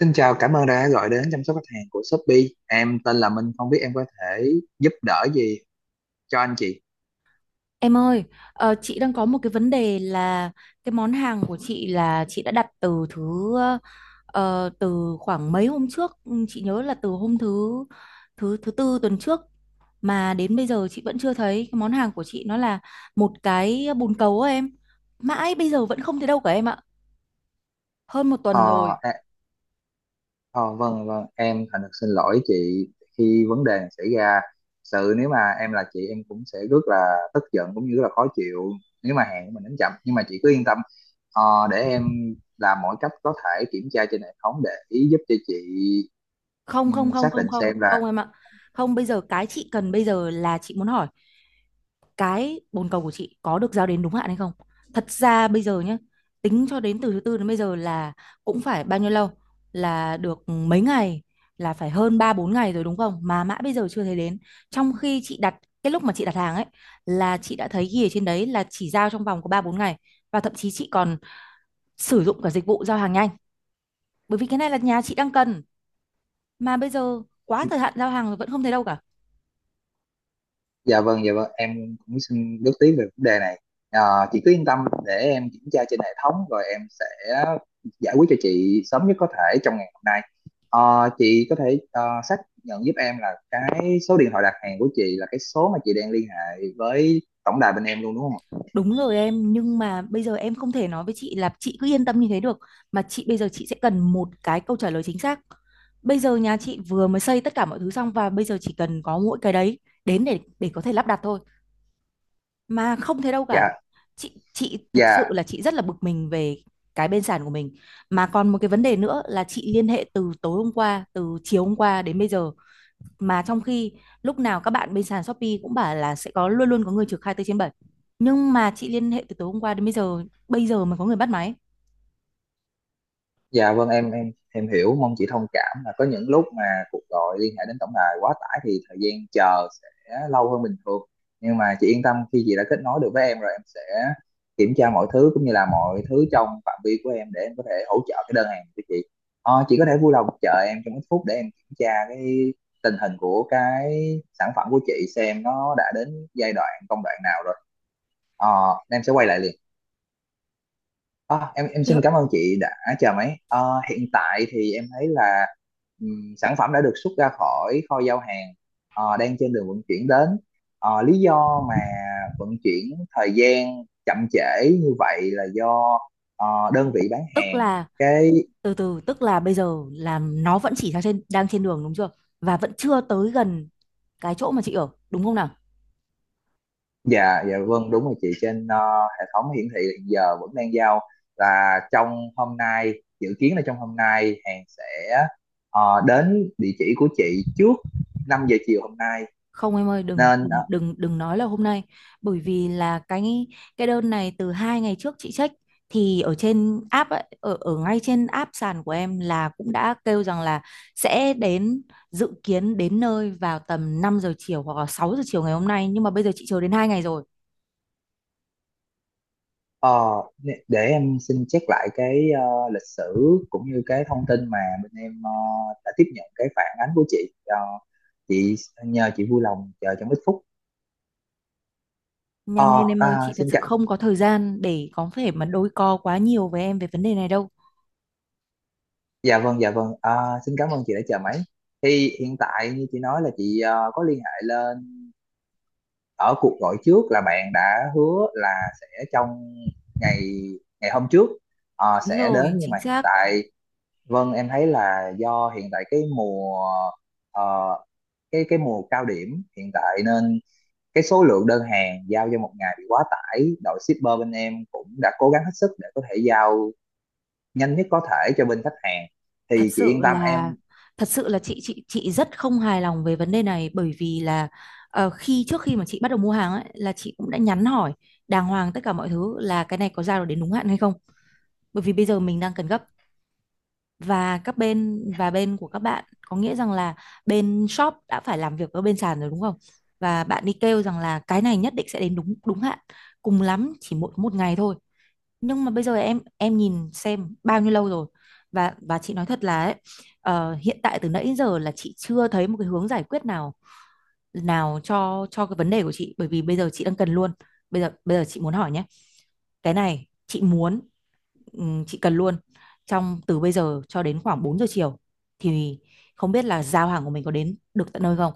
Xin chào, cảm ơn đã gọi đến chăm sóc khách hàng của Shopee. Em tên là Minh, không biết em có thể giúp đỡ gì cho anh chị. Em ơi, chị đang có một cái vấn đề là cái món hàng của chị là chị đã đặt từ thứ, từ khoảng mấy hôm trước, chị nhớ là từ hôm thứ thứ thứ tư tuần trước, mà đến bây giờ chị vẫn chưa thấy cái món hàng của chị, nó là một cái bồn cầu á em. Mãi bây giờ vẫn không thấy đâu cả em ạ. Hơn một Ờ, tuần rồi. à, ờ, vâng, vâng, em thành thật xin lỗi chị khi vấn đề này xảy ra. Nếu mà em là chị em cũng sẽ rất là tức giận cũng như rất là khó chịu nếu mà hàng của mình đến chậm. Nhưng mà chị cứ yên tâm, ờ, để em làm mọi cách có thể kiểm tra trên hệ thống để giúp cho chị Không không không xác không định không, xem không là. em ạ. Không, bây giờ cái chị cần bây giờ là chị muốn hỏi cái bồn cầu của chị có được giao đến đúng hạn hay không. Thật ra bây giờ nhé, tính cho đến từ thứ tư đến bây giờ là cũng phải bao nhiêu lâu, là được mấy ngày, là phải hơn 3 4 ngày rồi đúng không, mà mãi bây giờ chưa thấy đến. Trong khi chị đặt, cái lúc mà chị đặt hàng ấy, là chị đã thấy ghi ở trên đấy là chỉ giao trong vòng có 3 4 ngày, và thậm chí chị còn sử dụng cả dịch vụ giao hàng nhanh, bởi vì cái này là nhà chị đang cần, mà bây giờ quá thời hạn giao hàng rồi vẫn không thấy đâu cả. Dạ vâng, dạ vâng, em cũng xin góp tí về vấn đề này. Ờ, chị cứ yên tâm để em kiểm tra trên hệ thống rồi em sẽ giải quyết cho chị sớm nhất có thể trong ngày hôm nay. Chị có thể xác nhận giúp em là cái số điện thoại đặt hàng của chị là cái số mà chị đang liên hệ với tổng đài bên em luôn đúng không ạ? Đúng rồi em, nhưng mà bây giờ em không thể nói với chị là chị cứ yên tâm như thế được, mà chị bây giờ chị sẽ cần một cái câu trả lời chính xác. Bây giờ nhà chị vừa mới xây tất cả mọi thứ xong và bây giờ chỉ cần có mỗi cái đấy đến để có thể lắp đặt thôi, mà không thế đâu cả. Dạ, Chị thật sự dạ. là chị rất là bực mình về cái bên sàn của mình. Mà còn một cái vấn đề nữa là chị liên hệ từ tối hôm qua, từ chiều hôm qua đến bây giờ, mà trong khi lúc nào các bạn bên sàn Shopee cũng bảo là sẽ có, luôn luôn có người trực 24/7, nhưng mà chị liên hệ từ tối hôm qua đến bây giờ, bây giờ mới có người bắt máy. Dạ vâng, em hiểu, mong chị thông cảm là có những lúc mà cuộc gọi liên hệ đến tổng đài quá tải thì thời gian chờ sẽ lâu hơn bình thường, nhưng mà chị yên tâm khi chị đã kết nối được với em rồi em sẽ kiểm tra mọi thứ cũng như là mọi thứ trong phạm vi của em để em có thể hỗ trợ cái đơn hàng của chị. Chị có thể vui lòng chờ em trong ít phút để em kiểm tra cái tình hình của cái sản phẩm của chị xem nó đã đến giai đoạn công đoạn nào rồi. ờ, em sẽ quay lại liền. Em xin Đ- cảm ơn chị đã chờ máy. Ờ, Hiện tại thì em thấy là sản phẩm đã được xuất ra khỏi kho giao hàng, đang trên đường vận chuyển đến. Lý do mà vận chuyển thời gian chậm trễ như vậy là do đơn vị bán Tức hàng là cái. từ từ tức là bây giờ là nó vẫn chỉ đang trên đường đúng chưa, và vẫn chưa tới gần cái chỗ mà chị ở đúng không nào. Dạ, dạ, vâng, đúng rồi chị, trên hệ thống hiển thị hiện giờ vẫn đang giao là trong hôm nay, dự kiến là trong hôm nay hàng sẽ đến địa chỉ của chị trước 5 giờ chiều hôm nay, Không em ơi, đừng nên đừng đừng đừng nói là hôm nay, bởi vì là cái đơn này từ 2 ngày trước chị check thì ở trên app ấy, ở ở ngay trên app sàn của em là cũng đã kêu rằng là sẽ đến, dự kiến đến nơi vào tầm 5 giờ chiều hoặc là 6 giờ chiều ngày hôm nay, nhưng mà bây giờ chị chờ đến 2 ngày rồi. ờ, để em xin check lại cái lịch sử cũng như cái thông tin mà bên em đã tiếp nhận cái phản ánh của chị. Ờ, chị, nhờ chị vui lòng chờ trong ít phút. Nhanh lên Ờ, em ơi, à, chị thật xin sự cảm không có thời gian để có thể mà đôi co quá nhiều với em về vấn đề này đâu. Dạ vâng, dạ vâng. Ờ, Xin cảm ơn chị đã chờ máy, thì hiện tại như chị nói là chị có liên hệ lên ở cuộc gọi trước là bạn đã hứa là sẽ trong ngày, hôm trước Đúng sẽ đến, rồi, nhưng chính mà hiện xác. tại. Vâng, em thấy là do hiện tại cái mùa ờ, cái mùa cao điểm hiện tại nên cái số lượng đơn hàng giao cho một ngày bị quá tải. Đội shipper bên em cũng đã cố gắng hết sức để có thể giao nhanh nhất có thể cho bên khách hàng. thật Thì chị yên sự tâm là em. thật sự là chị rất không hài lòng về vấn đề này, bởi vì là, khi trước khi mà chị bắt đầu mua hàng ấy, là chị cũng đã nhắn hỏi đàng hoàng tất cả mọi thứ là cái này có giao được đến đúng hạn hay không, bởi vì bây giờ mình đang cần gấp, và các bên, và bên của các bạn có nghĩa rằng là bên shop đã phải làm việc với bên sàn rồi đúng không, và bạn đi kêu rằng là cái này nhất định sẽ đến đúng đúng hạn, cùng lắm chỉ một một ngày thôi, nhưng mà bây giờ em nhìn xem bao nhiêu lâu rồi. Và chị nói thật là ấy, hiện tại từ nãy đến giờ là chị chưa thấy một cái hướng giải quyết nào nào cho cái vấn đề của chị, bởi vì bây giờ chị đang cần luôn. Bây giờ chị muốn hỏi nhé, cái này chị muốn, chị cần luôn trong từ bây giờ cho đến khoảng 4 giờ chiều, thì không biết là giao hàng của mình có đến được tận nơi không.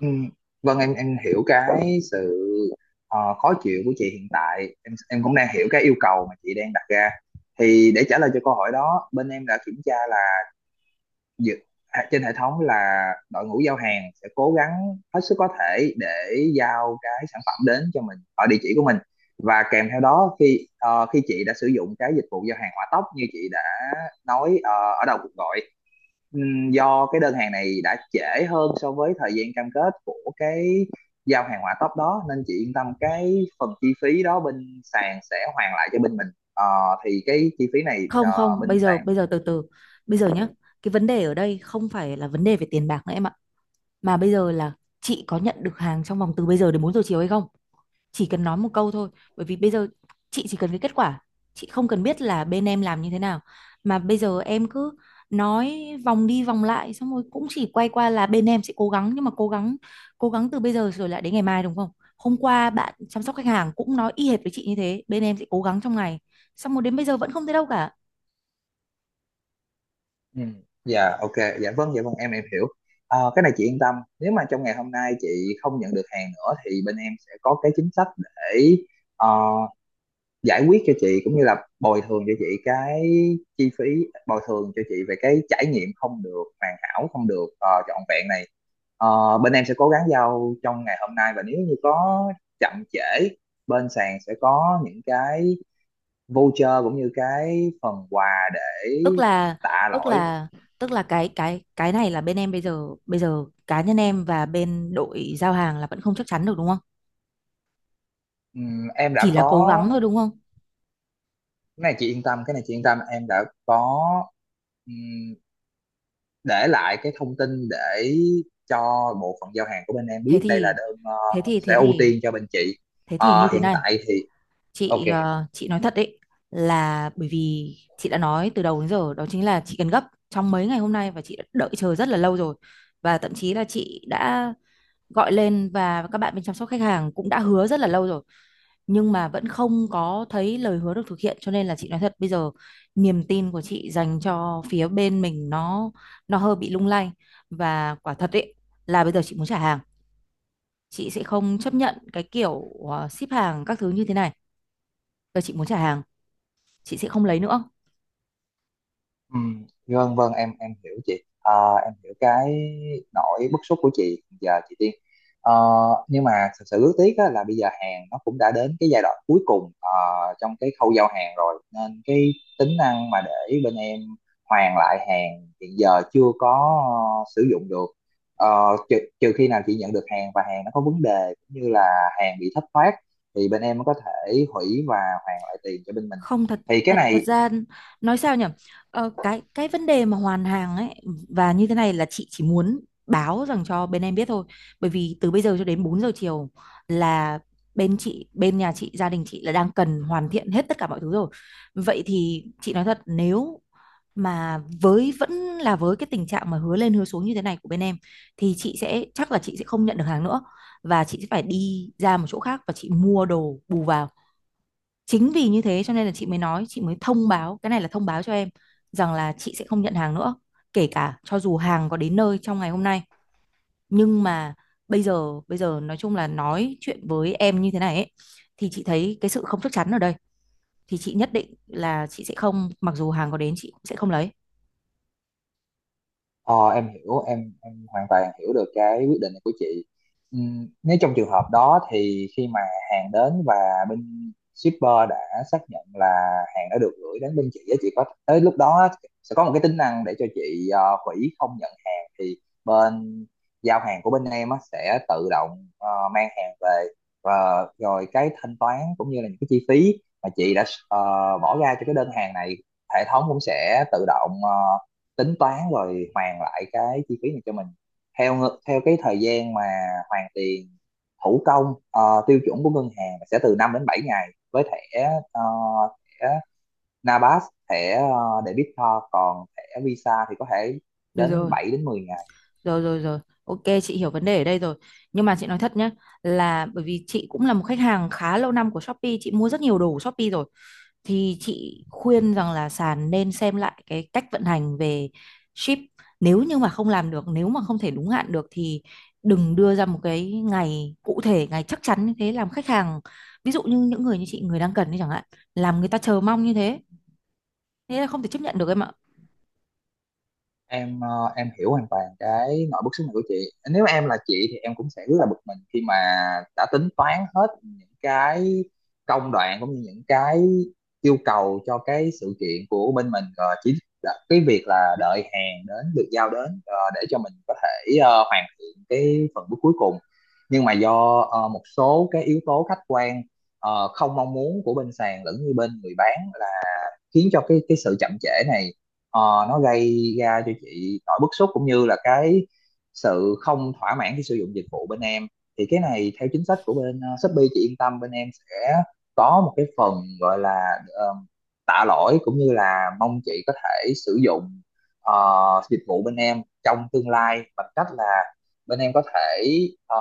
ừm, vâng, em hiểu cái sự khó chịu của chị hiện tại. Em cũng đang hiểu cái yêu cầu mà chị đang đặt ra. Thì để trả lời cho câu hỏi đó, bên em đã kiểm tra là dự, trên hệ thống là đội ngũ giao hàng sẽ cố gắng hết sức có thể để giao cái sản phẩm đến cho mình ở địa chỉ của mình, và kèm theo đó khi chị đã sử dụng cái dịch vụ giao hàng hỏa tốc như chị đã nói ở đầu cuộc gọi. Do cái đơn hàng này đã trễ hơn so với thời gian cam kết của cái giao hàng hỏa tốc đó nên chị yên tâm cái phần chi phí đó bên sàn sẽ hoàn lại cho bên mình. Ờ, thì cái chi phí này Không không, bên bây sàn. giờ từ từ bây giờ nhá, cái vấn đề ở đây không phải là vấn đề về tiền bạc nữa em ạ, mà bây giờ là chị có nhận được hàng trong vòng từ bây giờ đến 4 giờ chiều hay không, chỉ cần nói một câu thôi. Bởi vì bây giờ chị chỉ cần cái kết quả, chị không cần biết là bên em làm như thế nào, mà bây giờ em cứ nói vòng đi vòng lại, xong rồi cũng chỉ quay qua là bên em sẽ cố gắng, nhưng mà cố gắng, từ bây giờ rồi lại đến ngày mai đúng không. Hôm qua bạn chăm sóc khách hàng cũng nói y hệt với chị như thế, bên em sẽ cố gắng trong ngày, xong rồi đến bây giờ vẫn không thấy đâu cả. Ừ. Dạ ok, dạ vâng, dạ vâng, em hiểu. Cái này chị yên tâm, nếu mà trong ngày hôm nay chị không nhận được hàng nữa thì bên em sẽ có cái chính sách để ờ, giải quyết cho chị cũng như là bồi thường cho chị cái chi phí, bồi thường cho chị về cái trải nghiệm không được hoàn hảo, không được trọn vẹn này. Bên em sẽ cố gắng giao trong ngày hôm nay và nếu như có chậm trễ bên sàn sẽ có những cái voucher cũng như cái phần quà để tức là tạ tức lỗi. là tức là cái này là bên em bây giờ, cá nhân em và bên đội giao hàng là vẫn không chắc chắn được đúng không, Em đã chỉ là có, cố gắng thôi đúng không. cái này chị yên tâm, em đã có ừm, để lại cái thông tin để cho bộ phận giao hàng của bên em thế biết đây là thì đơn thế thì sẽ thế ưu thì tiên cho bên chị. thế thì như thế Hiện này, tại thì ok. chị, chị nói thật đấy, là bởi vì chị đã nói từ đầu đến giờ đó chính là chị cần gấp trong mấy ngày hôm nay, và chị đã đợi chờ rất là lâu rồi, và thậm chí là chị đã gọi lên và các bạn bên chăm sóc khách hàng cũng đã hứa rất là lâu rồi, nhưng mà vẫn không có thấy lời hứa được thực hiện, cho nên là chị nói thật bây giờ niềm tin của chị dành cho phía bên mình nó hơi bị lung lay, và quả thật ấy là bây giờ chị muốn trả hàng. Chị sẽ không chấp nhận cái kiểu ship hàng các thứ như thế này. Bây giờ chị muốn trả hàng, chị sẽ không lấy nữa. Ừ, vâng, vâng, em hiểu chị à, em hiểu cái nỗi bức xúc của chị giờ chị Tiên. Ờ, nhưng mà thật sự rất tiếc á, là bây giờ hàng nó cũng đã đến cái giai đoạn cuối cùng trong cái khâu giao hàng rồi nên cái tính năng mà để bên em hoàn lại hàng hiện giờ chưa có sử dụng được. Trừ khi nào chị nhận được hàng và hàng nó có vấn đề cũng như là hàng bị thất thoát thì bên em mới có thể hủy và hoàn lại tiền cho bên mình, Không, thật thì cái thật thật này. ra nói sao nhỉ, cái vấn đề mà hoàn hàng ấy, và như thế này là chị chỉ muốn báo rằng cho bên em biết thôi, bởi vì từ bây giờ cho đến 4 giờ chiều là bên chị, bên nhà chị, gia đình chị là đang cần hoàn thiện hết tất cả mọi thứ rồi. Vậy thì chị nói thật, nếu mà với vẫn là với cái tình trạng mà hứa lên hứa xuống như thế này của bên em, thì chị sẽ, chắc là chị sẽ không nhận được hàng nữa, và chị sẽ phải đi ra một chỗ khác và chị mua đồ bù vào. Chính vì như thế cho nên là chị mới nói, chị mới thông báo, cái này là thông báo cho em rằng là chị sẽ không nhận hàng nữa, kể cả cho dù hàng có đến nơi trong ngày hôm nay. Nhưng mà bây giờ, nói chung là nói chuyện với em như thế này ấy, thì chị thấy cái sự không chắc chắn ở đây, thì chị nhất định là chị sẽ không, mặc dù hàng có đến chị cũng sẽ không lấy. Ờ, em hiểu, em hoàn toàn hiểu được cái quyết định này của chị. Nếu trong trường hợp đó thì khi mà hàng đến và bên shipper đã xác nhận là hàng đã được gửi đến bên chị á, chị có tới lúc đó á, sẽ có một cái tính năng để cho chị hủy không nhận hàng thì bên giao hàng của bên em á, sẽ tự động mang hàng về, và rồi cái thanh toán cũng như là những cái chi phí mà chị đã ờ, bỏ ra cho cái đơn hàng này, hệ thống cũng sẽ tự động tính toán rồi hoàn lại cái chi phí này cho mình theo theo cái thời gian mà hoàn tiền thủ công, tiêu chuẩn của ngân hàng sẽ từ 5 đến 7 ngày với ờ, thẻ NABAS, thẻ debit card, còn thẻ Visa thì có thể Được đến rồi, 7 đến 10 ngày. rồi rồi rồi. Ok, chị hiểu vấn đề ở đây rồi. Nhưng mà chị nói thật nhé, là bởi vì chị cũng là một khách hàng khá lâu năm của Shopee, chị mua rất nhiều đồ của Shopee rồi, thì chị khuyên rằng là sàn nên xem lại cái cách vận hành về ship. Nếu như mà không làm được, nếu mà không thể đúng hạn được thì đừng đưa ra một cái ngày cụ thể, ngày chắc chắn như thế làm khách hàng, ví dụ như những người như chị, người đang cần đi chẳng hạn, làm người ta chờ mong như thế, thế là không thể chấp nhận được em ạ. Em hiểu hoàn toàn cái nỗi bức xúc này của chị, nếu em là chị thì em cũng sẽ rất là bực mình khi mà đã tính toán hết những cái công đoạn cũng như những cái yêu cầu cho cái sự kiện của bên mình, rồi chỉ là cái việc là đợi hàng đến được giao đến để cho mình có thể hoàn thiện cái phần bước cuối cùng, nhưng mà do một số cái yếu tố khách quan không mong muốn của bên sàn lẫn như bên người bán khiến cho cái sự chậm trễ này ờ, nó gây ra cho chị nỗi bức xúc cũng như là cái sự không thỏa mãn khi sử dụng dịch vụ bên em. Thì cái này theo chính sách của bên Shopee, chị yên tâm bên em sẽ có một cái phần gọi là tạ lỗi cũng như là mong chị có thể sử dụng ờ, dịch vụ bên em trong tương lai, bằng cách là bên em có thể ờ,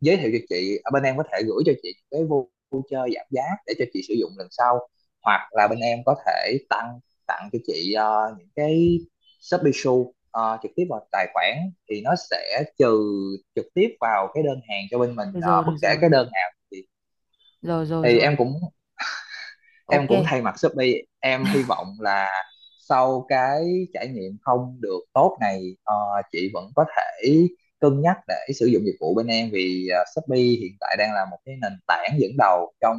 giới thiệu cho chị, ở bên em có thể gửi cho chị cái voucher giảm giá để cho chị sử dụng lần sau, hoặc là bên em có thể tăng tặng cho chị những cái Shopee Shop trực tiếp vào tài khoản thì nó sẽ trừ trực tiếp vào cái đơn hàng cho bên mình Được rồi, bất được kể rồi, cái đơn nào rồi rồi thì rồi em cũng em ok. cũng thay mặt Shopee em hy vọng là sau cái trải nghiệm không được tốt này chị vẫn có thể cân nhắc để sử dụng dịch vụ bên em vì Shopee hiện tại đang là một cái nền tảng dẫn đầu trong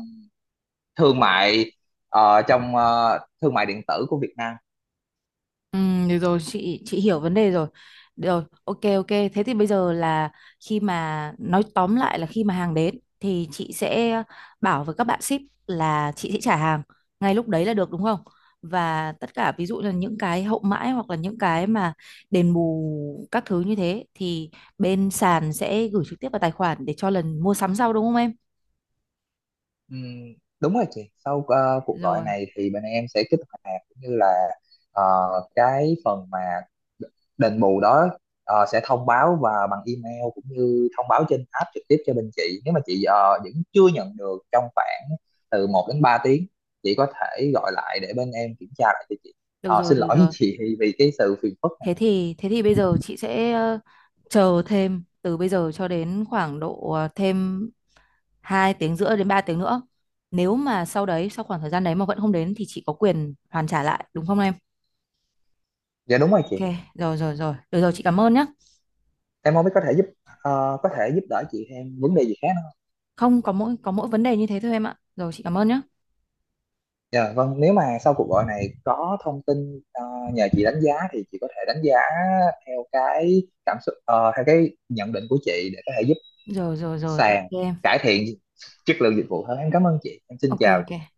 thương mại ờ, trong ờ, thương mại điện tử của Việt Nam. Ừ, được rồi, chị hiểu vấn đề rồi. Được rồi, ok ok, thế thì bây giờ là khi mà nói tóm lại là khi mà hàng đến thì chị sẽ bảo với các bạn ship là chị sẽ trả hàng ngay lúc đấy là được đúng không, và tất cả ví dụ là những cái hậu mãi hoặc là những cái mà đền bù các thứ như thế thì bên sàn sẽ gửi trực tiếp vào tài khoản để cho lần mua sắm sau đúng không em. Ừm, Đúng rồi chị, sau cuộc gọi Rồi, này thì bên em sẽ kích hoạt cũng như là ờ, cái phần mà đền bù đó sẽ thông báo và bằng email cũng như thông báo trên app trực tiếp cho bên chị, nếu mà chị vẫn chưa nhận được trong khoảng từ 1 đến 3 tiếng chị có thể gọi lại để bên em kiểm tra lại cho chị. được rồi, Xin được lỗi với rồi. chị vì cái sự phiền phức này. Thế thì bây giờ chị sẽ, chờ thêm từ bây giờ cho đến khoảng độ, thêm 2 tiếng rưỡi đến 3 tiếng nữa. Nếu mà sau đấy, sau khoảng thời gian đấy mà vẫn không đến thì chị có quyền hoàn trả lại đúng không em? Dạ đúng rồi Ok, chị. rồi rồi rồi. Được rồi, chị cảm ơn nhé. Em không biết có thể giúp có thể giúp đỡ chị em vấn đề gì khác không. Không, có mỗi vấn đề như thế thôi em ạ. Rồi chị cảm ơn nhé. Dạ vâng, nếu mà sau cuộc gọi này có thông tin nhờ chị đánh giá thì chị có thể đánh giá theo cái cảm xúc, theo cái nhận định của chị để có thể giúp Rồi rồi rồi ok sàn em. cải thiện chất lượng dịch vụ hơn. Em cảm ơn chị, em xin Ok chào ok. chị.